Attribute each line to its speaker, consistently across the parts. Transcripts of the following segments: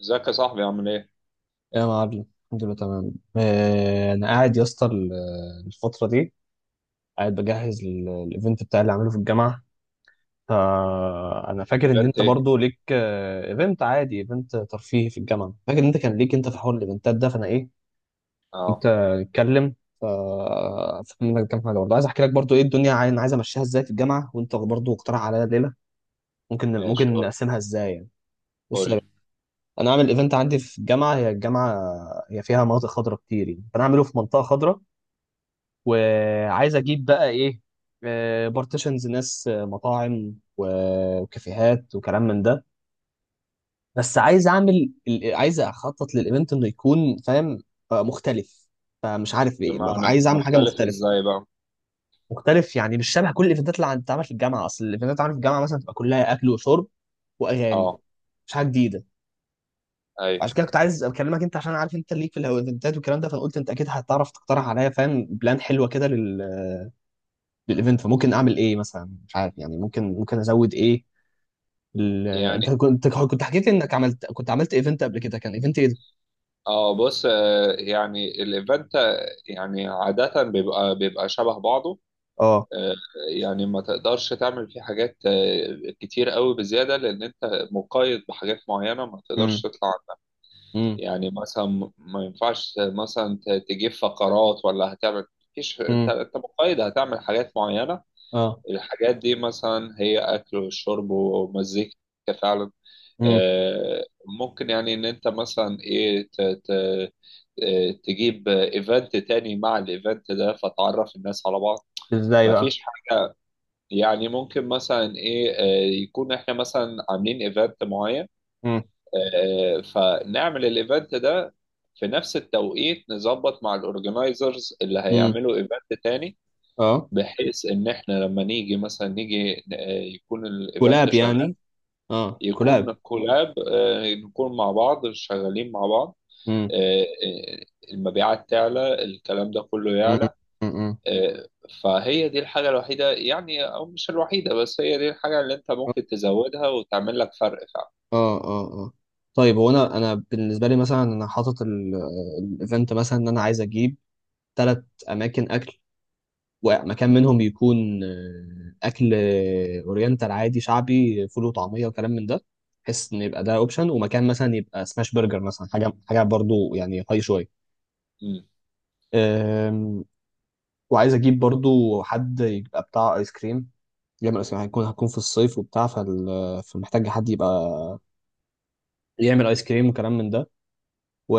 Speaker 1: ازيك يا صاحبي، عامل ايه؟
Speaker 2: يا معلم، الحمد لله تمام. انا قاعد يا اسطى الفتره دي قاعد بجهز الايفنت بتاعي اللي عامله في الجامعه. فانا فاكر ان
Speaker 1: ايفنت
Speaker 2: انت
Speaker 1: ايه؟
Speaker 2: برضو ليك ايفنت عادي، ايفنت ترفيهي في الجامعه. فاكر ان انت كان ليك انت في حوار الايفنتات ده. فانا ايه
Speaker 1: اه.
Speaker 2: كنت اتكلم. فافتكر منك كام حاجه، برضو عايز احكي لك برضو ايه الدنيا انا عايز امشيها ازاي في الجامعه، وانت برضو اقترح عليا ليله ممكن
Speaker 1: ماشي،
Speaker 2: ممكن
Speaker 1: قول
Speaker 2: نقسمها ازاي يعني. بص يا باشا،
Speaker 1: قول.
Speaker 2: انا اعمل ايفنت عندي في الجامعه. هي الجامعه هي فيها مناطق خضراء كتير، يعني فانا اعمله في منطقه خضراء، وعايز اجيب بقى ايه بارتيشنز، ناس مطاعم وكافيهات وكلام من ده. بس عايز اعمل عايز اخطط للايفنت انه يكون فاهم مختلف، فمش عارف ايه.
Speaker 1: بمعنى
Speaker 2: عايز اعمل حاجه
Speaker 1: مختلف
Speaker 2: مختلفه،
Speaker 1: ازاي بقى؟
Speaker 2: مختلف يعني مش شبه كل الايفنتات اللي بتتعمل في الجامعه. اصل الايفنتات اللي بتتعمل في الجامعه مثلا تبقى كلها اكل وشرب واغاني،
Speaker 1: اه.
Speaker 2: مش حاجه جديده.
Speaker 1: اي.
Speaker 2: عشان كده كنت عايز اكلمك انت، عشان عارف انت ليك في الايفنتات والكلام ده. فانا قلت انت اكيد هتعرف تقترح عليا، فاهم، بلان حلوه كده للايفنت. فممكن اعمل ايه مثلا؟ مش عارف يعني، ممكن ازود ايه. انت
Speaker 1: يعني
Speaker 2: كنت حكيت لي انك كنت عملت ايفنت قبل كده، كان ايفنت ايه ده؟
Speaker 1: اه. بص، يعني الايفنت، يعني عادة بيبقى شبه بعضه.
Speaker 2: اه.
Speaker 1: آه، يعني ما تقدرش تعمل فيه حاجات كتير قوي بزيادة، لأن أنت مقيد بحاجات معينة ما تقدرش
Speaker 2: امم.
Speaker 1: تطلع عنها.
Speaker 2: امم.
Speaker 1: يعني مثلا ما ينفعش مثلا تجيب فقرات، ولا هتعمل؟ مفيش. أنت
Speaker 2: امم.
Speaker 1: أنت مقيد، هتعمل حاجات معينة.
Speaker 2: اه.
Speaker 1: الحاجات دي مثلا هي أكل وشرب ومزيكا، فعلا.
Speaker 2: امم.
Speaker 1: آه، ممكن يعني إن أنت مثلا إيه تجيب إيفنت تاني مع الإيفنت ده، فتعرف الناس على بعض.
Speaker 2: ازاي بقى؟
Speaker 1: مفيش حاجة، يعني ممكن مثلا إيه يكون إحنا مثلا عاملين إيفنت معين،
Speaker 2: امم.
Speaker 1: فنعمل الإيفنت ده في نفس التوقيت، نظبط مع الأورجنايزرز اللي
Speaker 2: امم.
Speaker 1: هيعملوا إيفنت تاني،
Speaker 2: اه.
Speaker 1: بحيث ان احنا لما نيجي مثلا نيجي يكون الايفنت
Speaker 2: كولاب
Speaker 1: شغال،
Speaker 2: يعني؟ اه،
Speaker 1: يكون
Speaker 2: كولاب.
Speaker 1: كولاب. نكون مع بعض، شغالين مع بعض.
Speaker 2: امم.
Speaker 1: آه، آه، المبيعات تعلى، الكلام ده كله
Speaker 2: امم.
Speaker 1: يعلى.
Speaker 2: امم.
Speaker 1: آه، فهي دي الحاجة الوحيدة، يعني او مش الوحيدة، بس هي دي الحاجة اللي انت
Speaker 2: اه.
Speaker 1: ممكن تزودها وتعمل لك فرق فعلا.
Speaker 2: اه. اه. طيب، هو انا بالنسبه لي مثلا، انا حاطط الايفنت مثلا ان انا عايز اجيب ثلاث اماكن اكل، ومكان منهم يكون اكل اورينتال عادي، شعبي، فول وطعميه وكلام من ده، بحيث ان يبقى ده اوبشن، ومكان مثلا يبقى سماش برجر مثلا، حاجه حاجه برضو يعني هاي شويه.
Speaker 1: مم.
Speaker 2: آم، وعايز اجيب برضو حد يبقى بتاع ايس كريم، يعمل ايس كريم، هكون في الصيف وبتاع فمحتاج حد يبقى يعمل ايس كريم وكلام من ده.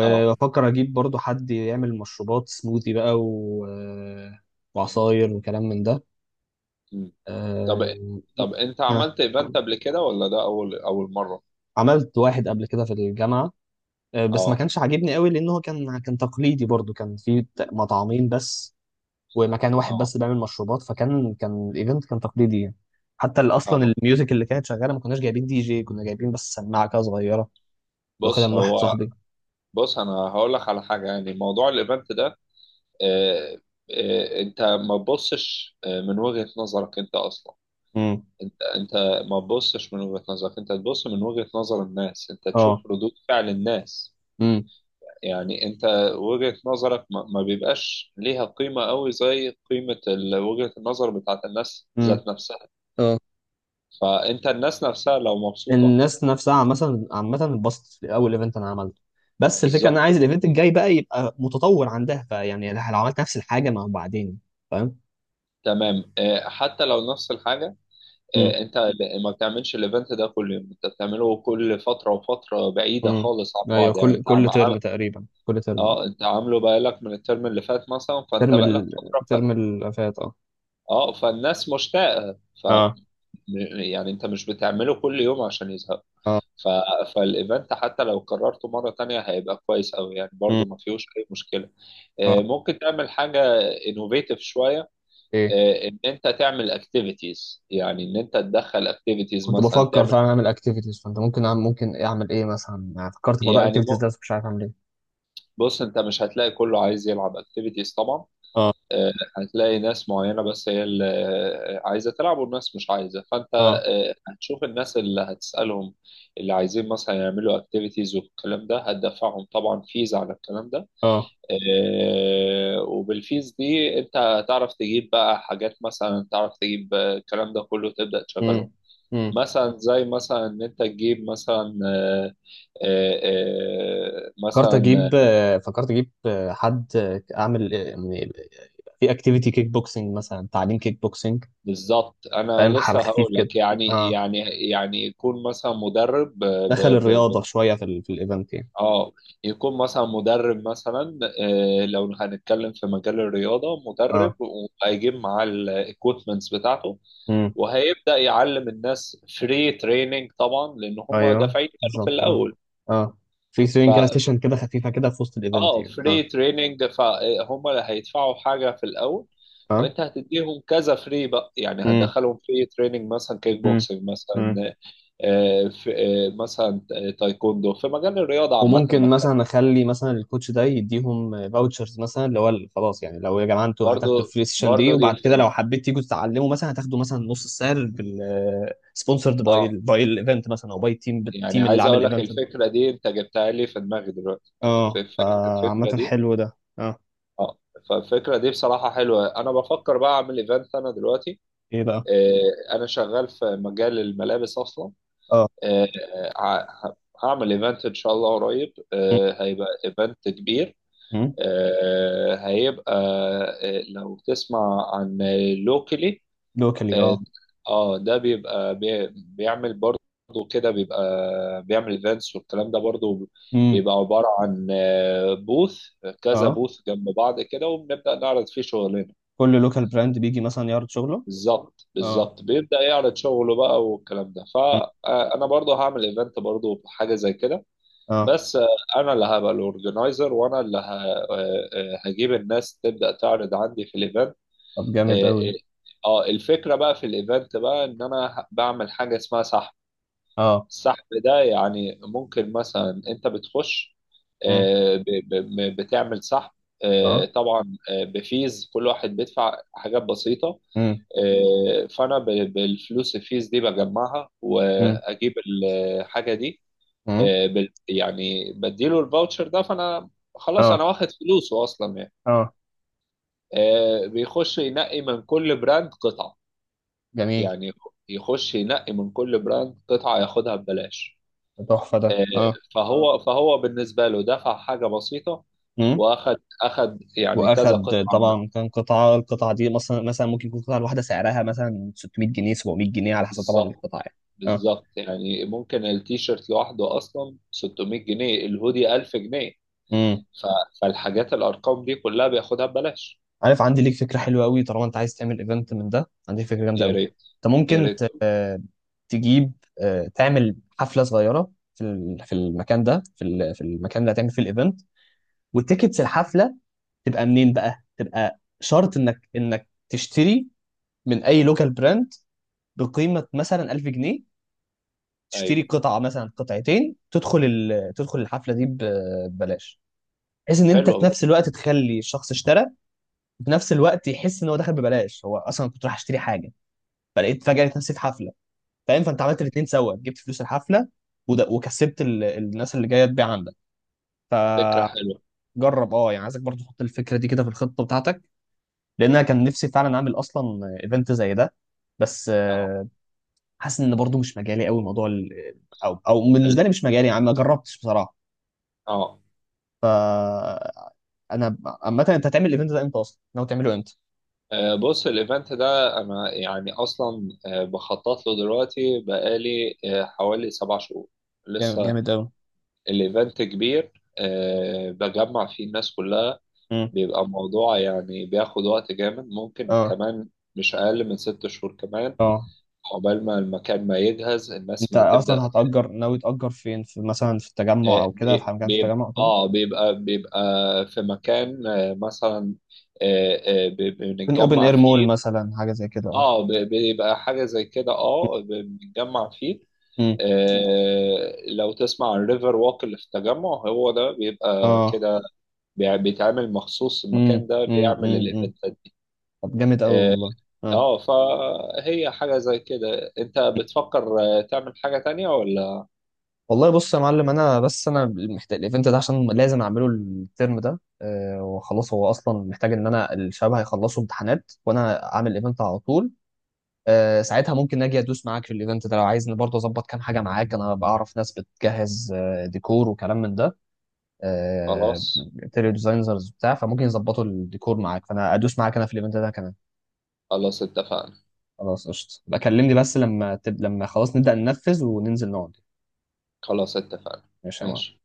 Speaker 1: اه.
Speaker 2: اجيب برضو حد يعمل مشروبات سموذي بقى وعصاير وكلام من ده.
Speaker 1: مم. طب
Speaker 2: آم،
Speaker 1: طب انت
Speaker 2: ها.
Speaker 1: عملت ايفنت قبل كده، ولا ده اول اول مرة؟
Speaker 2: عملت واحد قبل كده في الجامعة، بس ما
Speaker 1: اه.
Speaker 2: كانش عاجبني قوي، لأن هو كان تقليدي، برضو كان في مطعمين بس، ومكان واحد
Speaker 1: اه.
Speaker 2: بس بيعمل مشروبات. فكان الإيفنت كان تقليدي يعني. حتى أصلا
Speaker 1: اه.
Speaker 2: الميوزك اللي كانت شغالة، ما كناش جايبين دي جي، كنا جايبين بس سماعة كده صغيرة، كنت واخدها
Speaker 1: بص
Speaker 2: من واحد
Speaker 1: هو
Speaker 2: صاحبي.
Speaker 1: بص، انا هقول لك على حاجه. يعني موضوع الايفنت ده، آه، انت ما تبصش من وجهه نظرك انت اصلا.
Speaker 2: امم.
Speaker 1: انت ما تبصش من وجهه نظرك، انت تبص من وجهه نظر الناس، انت
Speaker 2: اه.
Speaker 1: تشوف ردود فعل الناس.
Speaker 2: امم.
Speaker 1: يعني انت وجهه نظرك ما بيبقاش ليها قيمه قوي زي قيمه وجهه النظر بتاعت الناس
Speaker 2: امم.
Speaker 1: ذات نفسها.
Speaker 2: اه.
Speaker 1: فانت الناس نفسها لو مبسوطه،
Speaker 2: الناس نفسها مثلا عامة اتبسطت في أول إيفنت أنا عملته، بس الفكرة أنا
Speaker 1: بالظبط.
Speaker 2: عايز الإيفنت الجاي بقى يبقى متطور عندها. فيعني لو عملت نفس الحاجة، ما هو بعدين. فاهم؟
Speaker 1: تمام. حتى لو نفس الحاجه، انت ما بتعملش الايفنت ده كل يوم، انت بتعمله كل فتره وفتره بعيده
Speaker 2: امم.
Speaker 1: خالص عن
Speaker 2: ايوه،
Speaker 1: بعض. يعني
Speaker 2: كل
Speaker 1: انت
Speaker 2: كل ترم تقريبا، كل ترم اه.
Speaker 1: اه، انت عامله بقالك من الترم اللي فات مثلا، فانت
Speaker 2: ترم
Speaker 1: بقالك
Speaker 2: ال...
Speaker 1: فتره.
Speaker 2: ترم اللي فات اه.
Speaker 1: اه، فالناس مشتاقه.
Speaker 2: اه.
Speaker 1: يعني انت مش بتعمله كل يوم عشان يزهق.
Speaker 2: اه.
Speaker 1: ف... فالايفنت حتى لو قررته مره تانية هيبقى كويس قوي، يعني
Speaker 2: مم.
Speaker 1: برضو ما فيهوش اي مشكله.
Speaker 2: اه.
Speaker 1: ممكن تعمل حاجه انوفيتيف شويه،
Speaker 2: ايه.
Speaker 1: ان انت تعمل اكتيفيتيز، يعني ان انت تدخل اكتيفيتيز
Speaker 2: كنت
Speaker 1: مثلا
Speaker 2: بفكر
Speaker 1: تعمل.
Speaker 2: فعلا اعمل اكتيفيتيز، فانت ممكن اعمل ايه مثلا يعني؟ فكرت في موضوع
Speaker 1: يعني
Speaker 2: الاكتيفيتيز ده، بس مش عارف اعمل ايه.
Speaker 1: بص، انت مش هتلاقي كله عايز يلعب اكتيفيتيز طبعا.
Speaker 2: اه.
Speaker 1: آه، هتلاقي ناس معينة بس هي اللي عايزة تلعب، والناس مش عايزة. فانت
Speaker 2: اه.
Speaker 1: هتشوف الناس اللي هتسألهم اللي عايزين مثلا يعملوا اكتيفيتيز والكلام ده، هتدفعهم طبعا فيز على الكلام ده.
Speaker 2: اه.
Speaker 1: وبالفيز دي انت هتعرف تجيب بقى حاجات، مثلا تعرف تجيب الكلام ده كله، تبدأ تشغلهم.
Speaker 2: امم. امم.
Speaker 1: مثلا زي مثلا ان انت تجيب مثلا،
Speaker 2: فكرت
Speaker 1: مثلا.
Speaker 2: اجيب آه، فكرت اجيب آه، حد اعمل يعني في اكتيفيتي كيك بوكسنج مثلا، تعليم كيك بوكسنج،
Speaker 1: بالظبط، انا
Speaker 2: فاهم، حاجه
Speaker 1: لسه
Speaker 2: خفيف
Speaker 1: هقول
Speaker 2: كده.
Speaker 1: لك. يعني
Speaker 2: اه،
Speaker 1: يعني يعني يكون مثلا مدرب ب ب
Speaker 2: دخل
Speaker 1: ب ب
Speaker 2: الرياضه شويه في في الايفنت يعني.
Speaker 1: اه. يكون مثلا مدرب مثلا، آه لو هنتكلم في مجال الرياضه، مدرب وهيجيب معاه الايكويبمنتس بتاعته،
Speaker 2: اه.
Speaker 1: وهيبدا يعلم الناس فري تريننج طبعا، لان هم
Speaker 2: ايوه،
Speaker 1: دافعين كانوا في
Speaker 2: بالظبط. اه.
Speaker 1: الاول.
Speaker 2: اه. في
Speaker 1: ف
Speaker 2: سوينج كده، سيشن كده خفيفه كده في وسط الايفنت
Speaker 1: اه
Speaker 2: يعني، اه.
Speaker 1: فري تريننج، فهم اللي هيدفعوا حاجه في الاول، وانت هتديهم كذا فري بقى، يعني
Speaker 2: امم.
Speaker 1: هتدخلهم فري تريننج مثلا كيك
Speaker 2: امم.
Speaker 1: بوكسنج
Speaker 2: امم.
Speaker 1: مثلا، في مثلا تايكوندو، في مجال الرياضة عامة
Speaker 2: وممكن
Speaker 1: بتكلم.
Speaker 2: مثلا اخلي مثلا الكوتش ده يديهم فاوتشرز مثلا، اللي هو خلاص، يعني لو يا جماعه انتوا هتاخدوا
Speaker 1: برضو
Speaker 2: الفري سيشن دي،
Speaker 1: برضو دي.
Speaker 2: وبعد كده لو حبيت تيجوا تتعلموا، مثلا هتاخدوا مثلا نص السعر، بال... سبونسرد باي
Speaker 1: اه،
Speaker 2: باي الايفنت مثلا، او باي
Speaker 1: يعني
Speaker 2: التيم اللي
Speaker 1: عايز
Speaker 2: عامل
Speaker 1: اقول لك،
Speaker 2: الايفنت ده.
Speaker 1: الفكرة دي انت جبتها لي في دماغي دلوقتي.
Speaker 2: اه، فعامه
Speaker 1: الفكرة دي،
Speaker 2: حلو ده اه.
Speaker 1: اه، فالفكرة دي بصراحة حلوة. انا بفكر بقى اعمل ايفنت انا دلوقتي.
Speaker 2: ايه بقى؟
Speaker 1: انا شغال في مجال الملابس اصلا.
Speaker 2: اه،
Speaker 1: آه، ه- هعمل ايفنت ان شاء الله قريب. هيبقى ايفنت كبير. هيبقى، لو تسمع عن لوكلي،
Speaker 2: لوكالي
Speaker 1: اه.
Speaker 2: اه.
Speaker 1: ده بيبقى، بيعمل برضه كده، بيبقى بيعمل ايفنتس والكلام ده برضه.
Speaker 2: امم.
Speaker 1: بيبقى عبارة عن بوث، كذا
Speaker 2: اه.
Speaker 1: بوث جنب بعض كده، وبنبدأ نعرض فيه شغلنا.
Speaker 2: كل لوكال براند بيجي مثلا يعرض شغله.
Speaker 1: بالظبط
Speaker 2: اه.
Speaker 1: بالظبط، بيبدأ يعرض شغله بقى والكلام ده.
Speaker 2: مم.
Speaker 1: فأنا برضه هعمل ايفنت برضه حاجة زي كده.
Speaker 2: اه.
Speaker 1: بس أنا اللي هبقى الأورجنايزر، وأنا اللي هجيب الناس تبدأ تعرض عندي في الايفنت.
Speaker 2: طب جامد قوي.
Speaker 1: اه. الفكرة بقى في الايفنت بقى ان انا بعمل حاجة اسمها سحب.
Speaker 2: اه.
Speaker 1: السحب ده، يعني ممكن مثلا انت بتخش
Speaker 2: مم.
Speaker 1: بتعمل سحب.
Speaker 2: اه.
Speaker 1: طبعا بفيز، كل واحد بيدفع حاجات بسيطة.
Speaker 2: مم.
Speaker 1: فانا بالفلوس، الفيز دي بجمعها
Speaker 2: مم.
Speaker 1: واجيب الحاجة دي.
Speaker 2: مم.
Speaker 1: يعني بديله الفاوتشر ده، فانا خلاص
Speaker 2: اه.
Speaker 1: انا واخد فلوسه اصلا، يعني.
Speaker 2: اه.
Speaker 1: بيخش ينقي من كل براند قطعة،
Speaker 2: جميل.
Speaker 1: يعني يخش ينقي من كل براند قطعة، ياخدها ببلاش.
Speaker 2: تحفة ده
Speaker 1: آه،
Speaker 2: اه.
Speaker 1: فهو بالنسبة له دفع حاجة بسيطة،
Speaker 2: مم.
Speaker 1: اخد يعني كذا
Speaker 2: واخد
Speaker 1: قطعة من-
Speaker 2: طبعا، كان القطعة دي مثلا ممكن يكون القطعة الواحدة سعرها مثلا 600 جنيه، 700 جنيه، على حسب طبعا
Speaker 1: بالظبط
Speaker 2: القطعة يعني. اه.
Speaker 1: بالظبط. يعني ممكن التيشيرت لوحده اصلا 600 جنيه، الهودي 1000 جنيه.
Speaker 2: مم.
Speaker 1: فالحاجات، الارقام دي كلها بياخدها ببلاش.
Speaker 2: عارف، عندي ليك فكرة حلوة قوي، طالما انت عايز تعمل ايفنت من ده، عندي فكرة جامدة
Speaker 1: يا
Speaker 2: قوي.
Speaker 1: ريت
Speaker 2: انت
Speaker 1: يا
Speaker 2: ممكن
Speaker 1: ريت.
Speaker 2: تجيب آه، تعمل حفلة صغيرة في في المكان ده، في في المكان اللي هتعمل فيه الايفنت، والتيكتس الحفلة تبقى منين بقى؟ تبقى شرط انك تشتري من اي لوكال براند بقيمه مثلا 1000 جنيه، تشتري
Speaker 1: ايوه،
Speaker 2: قطعه مثلا، قطعتين، تدخل الحفله دي ببلاش، بحيث ان انت في
Speaker 1: حلوة
Speaker 2: نفس
Speaker 1: برضه،
Speaker 2: الوقت تخلي الشخص اشترى، وفي نفس الوقت يحس ان هو دخل ببلاش. هو اصلا كنت رايح اشتري حاجه، فلقيت فجاه لقيت نفسي في حفله، فاهم؟ فانت عملت الاثنين سوا، جبت فلوس الحفله وده، وكسبت الناس اللي جايه تبيع عندك.
Speaker 1: فكرة حلوة.
Speaker 2: فجرب، اه يعني، عايزك برضه تحط الفكره دي كده في الخطه بتاعتك، لان انا كان نفسي فعلا اعمل اصلا ايفنت زي ده. بس
Speaker 1: اه.
Speaker 2: حاسس ان برضو مش مجالي قوي موضوع او
Speaker 1: ال-
Speaker 2: بالنسبه لي مش مجالي يعني، ما جربتش بصراحه.
Speaker 1: اه
Speaker 2: ف انا عامه، انت هتعمل الايفنت ده امتى اصلا؟ ناوي تعمله امتى؟
Speaker 1: بص الايفنت ده انا يعني اصلا بخطط له دلوقتي بقالي حوالي 7 شهور
Speaker 2: جامد،
Speaker 1: لسه.
Speaker 2: جامد قوي.
Speaker 1: الايفنت كبير، بجمع فيه الناس كلها.
Speaker 2: امم.
Speaker 1: بيبقى الموضوع يعني بياخد وقت جامد ممكن
Speaker 2: اه.
Speaker 1: كمان، مش اقل من 6 شهور كمان،
Speaker 2: اه.
Speaker 1: عقبال ما المكان ما يجهز، الناس
Speaker 2: انت
Speaker 1: ما
Speaker 2: اصلا
Speaker 1: تبدا.
Speaker 2: ناوي تأجر فين؟ في مثلا في التجمع او كده، في مكان في التجمع او كده؟
Speaker 1: بيبقى في مكان مثلا،
Speaker 2: ممكن اوبن
Speaker 1: بنتجمع
Speaker 2: اير مول
Speaker 1: فيه.
Speaker 2: مثلا، حاجه زي كده اه.
Speaker 1: بيبقى حاجة زي كده، بنتجمع فيه.
Speaker 2: امم.
Speaker 1: لو تسمع عن الريفر ووك اللي في التجمع، هو ده بيبقى
Speaker 2: اه.
Speaker 1: كده. بيتعمل مخصوص، المكان
Speaker 2: امم.
Speaker 1: ده
Speaker 2: امم.
Speaker 1: بيعمل
Speaker 2: امم.
Speaker 1: الايفنتات دي.
Speaker 2: طب جامد قوي
Speaker 1: اه.
Speaker 2: والله. اه.
Speaker 1: فهي حاجة زي كده. انت بتفكر تعمل حاجة تانية ولا؟
Speaker 2: والله بص يا معلم، انا بس انا محتاج الايفنت ده عشان لازم اعمله الترم ده، وخلاص. هو اصلا محتاج ان الشباب هيخلصوا امتحانات وانا اعمل ايفنت على طول. ساعتها ممكن اجي ادوس معاك في الايفنت ده لو عايزني، برضه اظبط كام حاجه معاك. انا بعرف ناس بتجهز ديكور وكلام من ده. أه،
Speaker 1: خلاص.
Speaker 2: انتيريور ديزاينرز بتاع، فممكن يظبطوا الديكور معاك، فانا ادوس معاك انا في الايفنت ده كمان.
Speaker 1: خلاص اتفقنا.
Speaker 2: خلاص قشطه، بكلمني بس لما لما خلاص نبدا ننفذ وننزل نقعد.
Speaker 1: خلاص اتفقنا.
Speaker 2: ماشي يا معلم
Speaker 1: ماشي.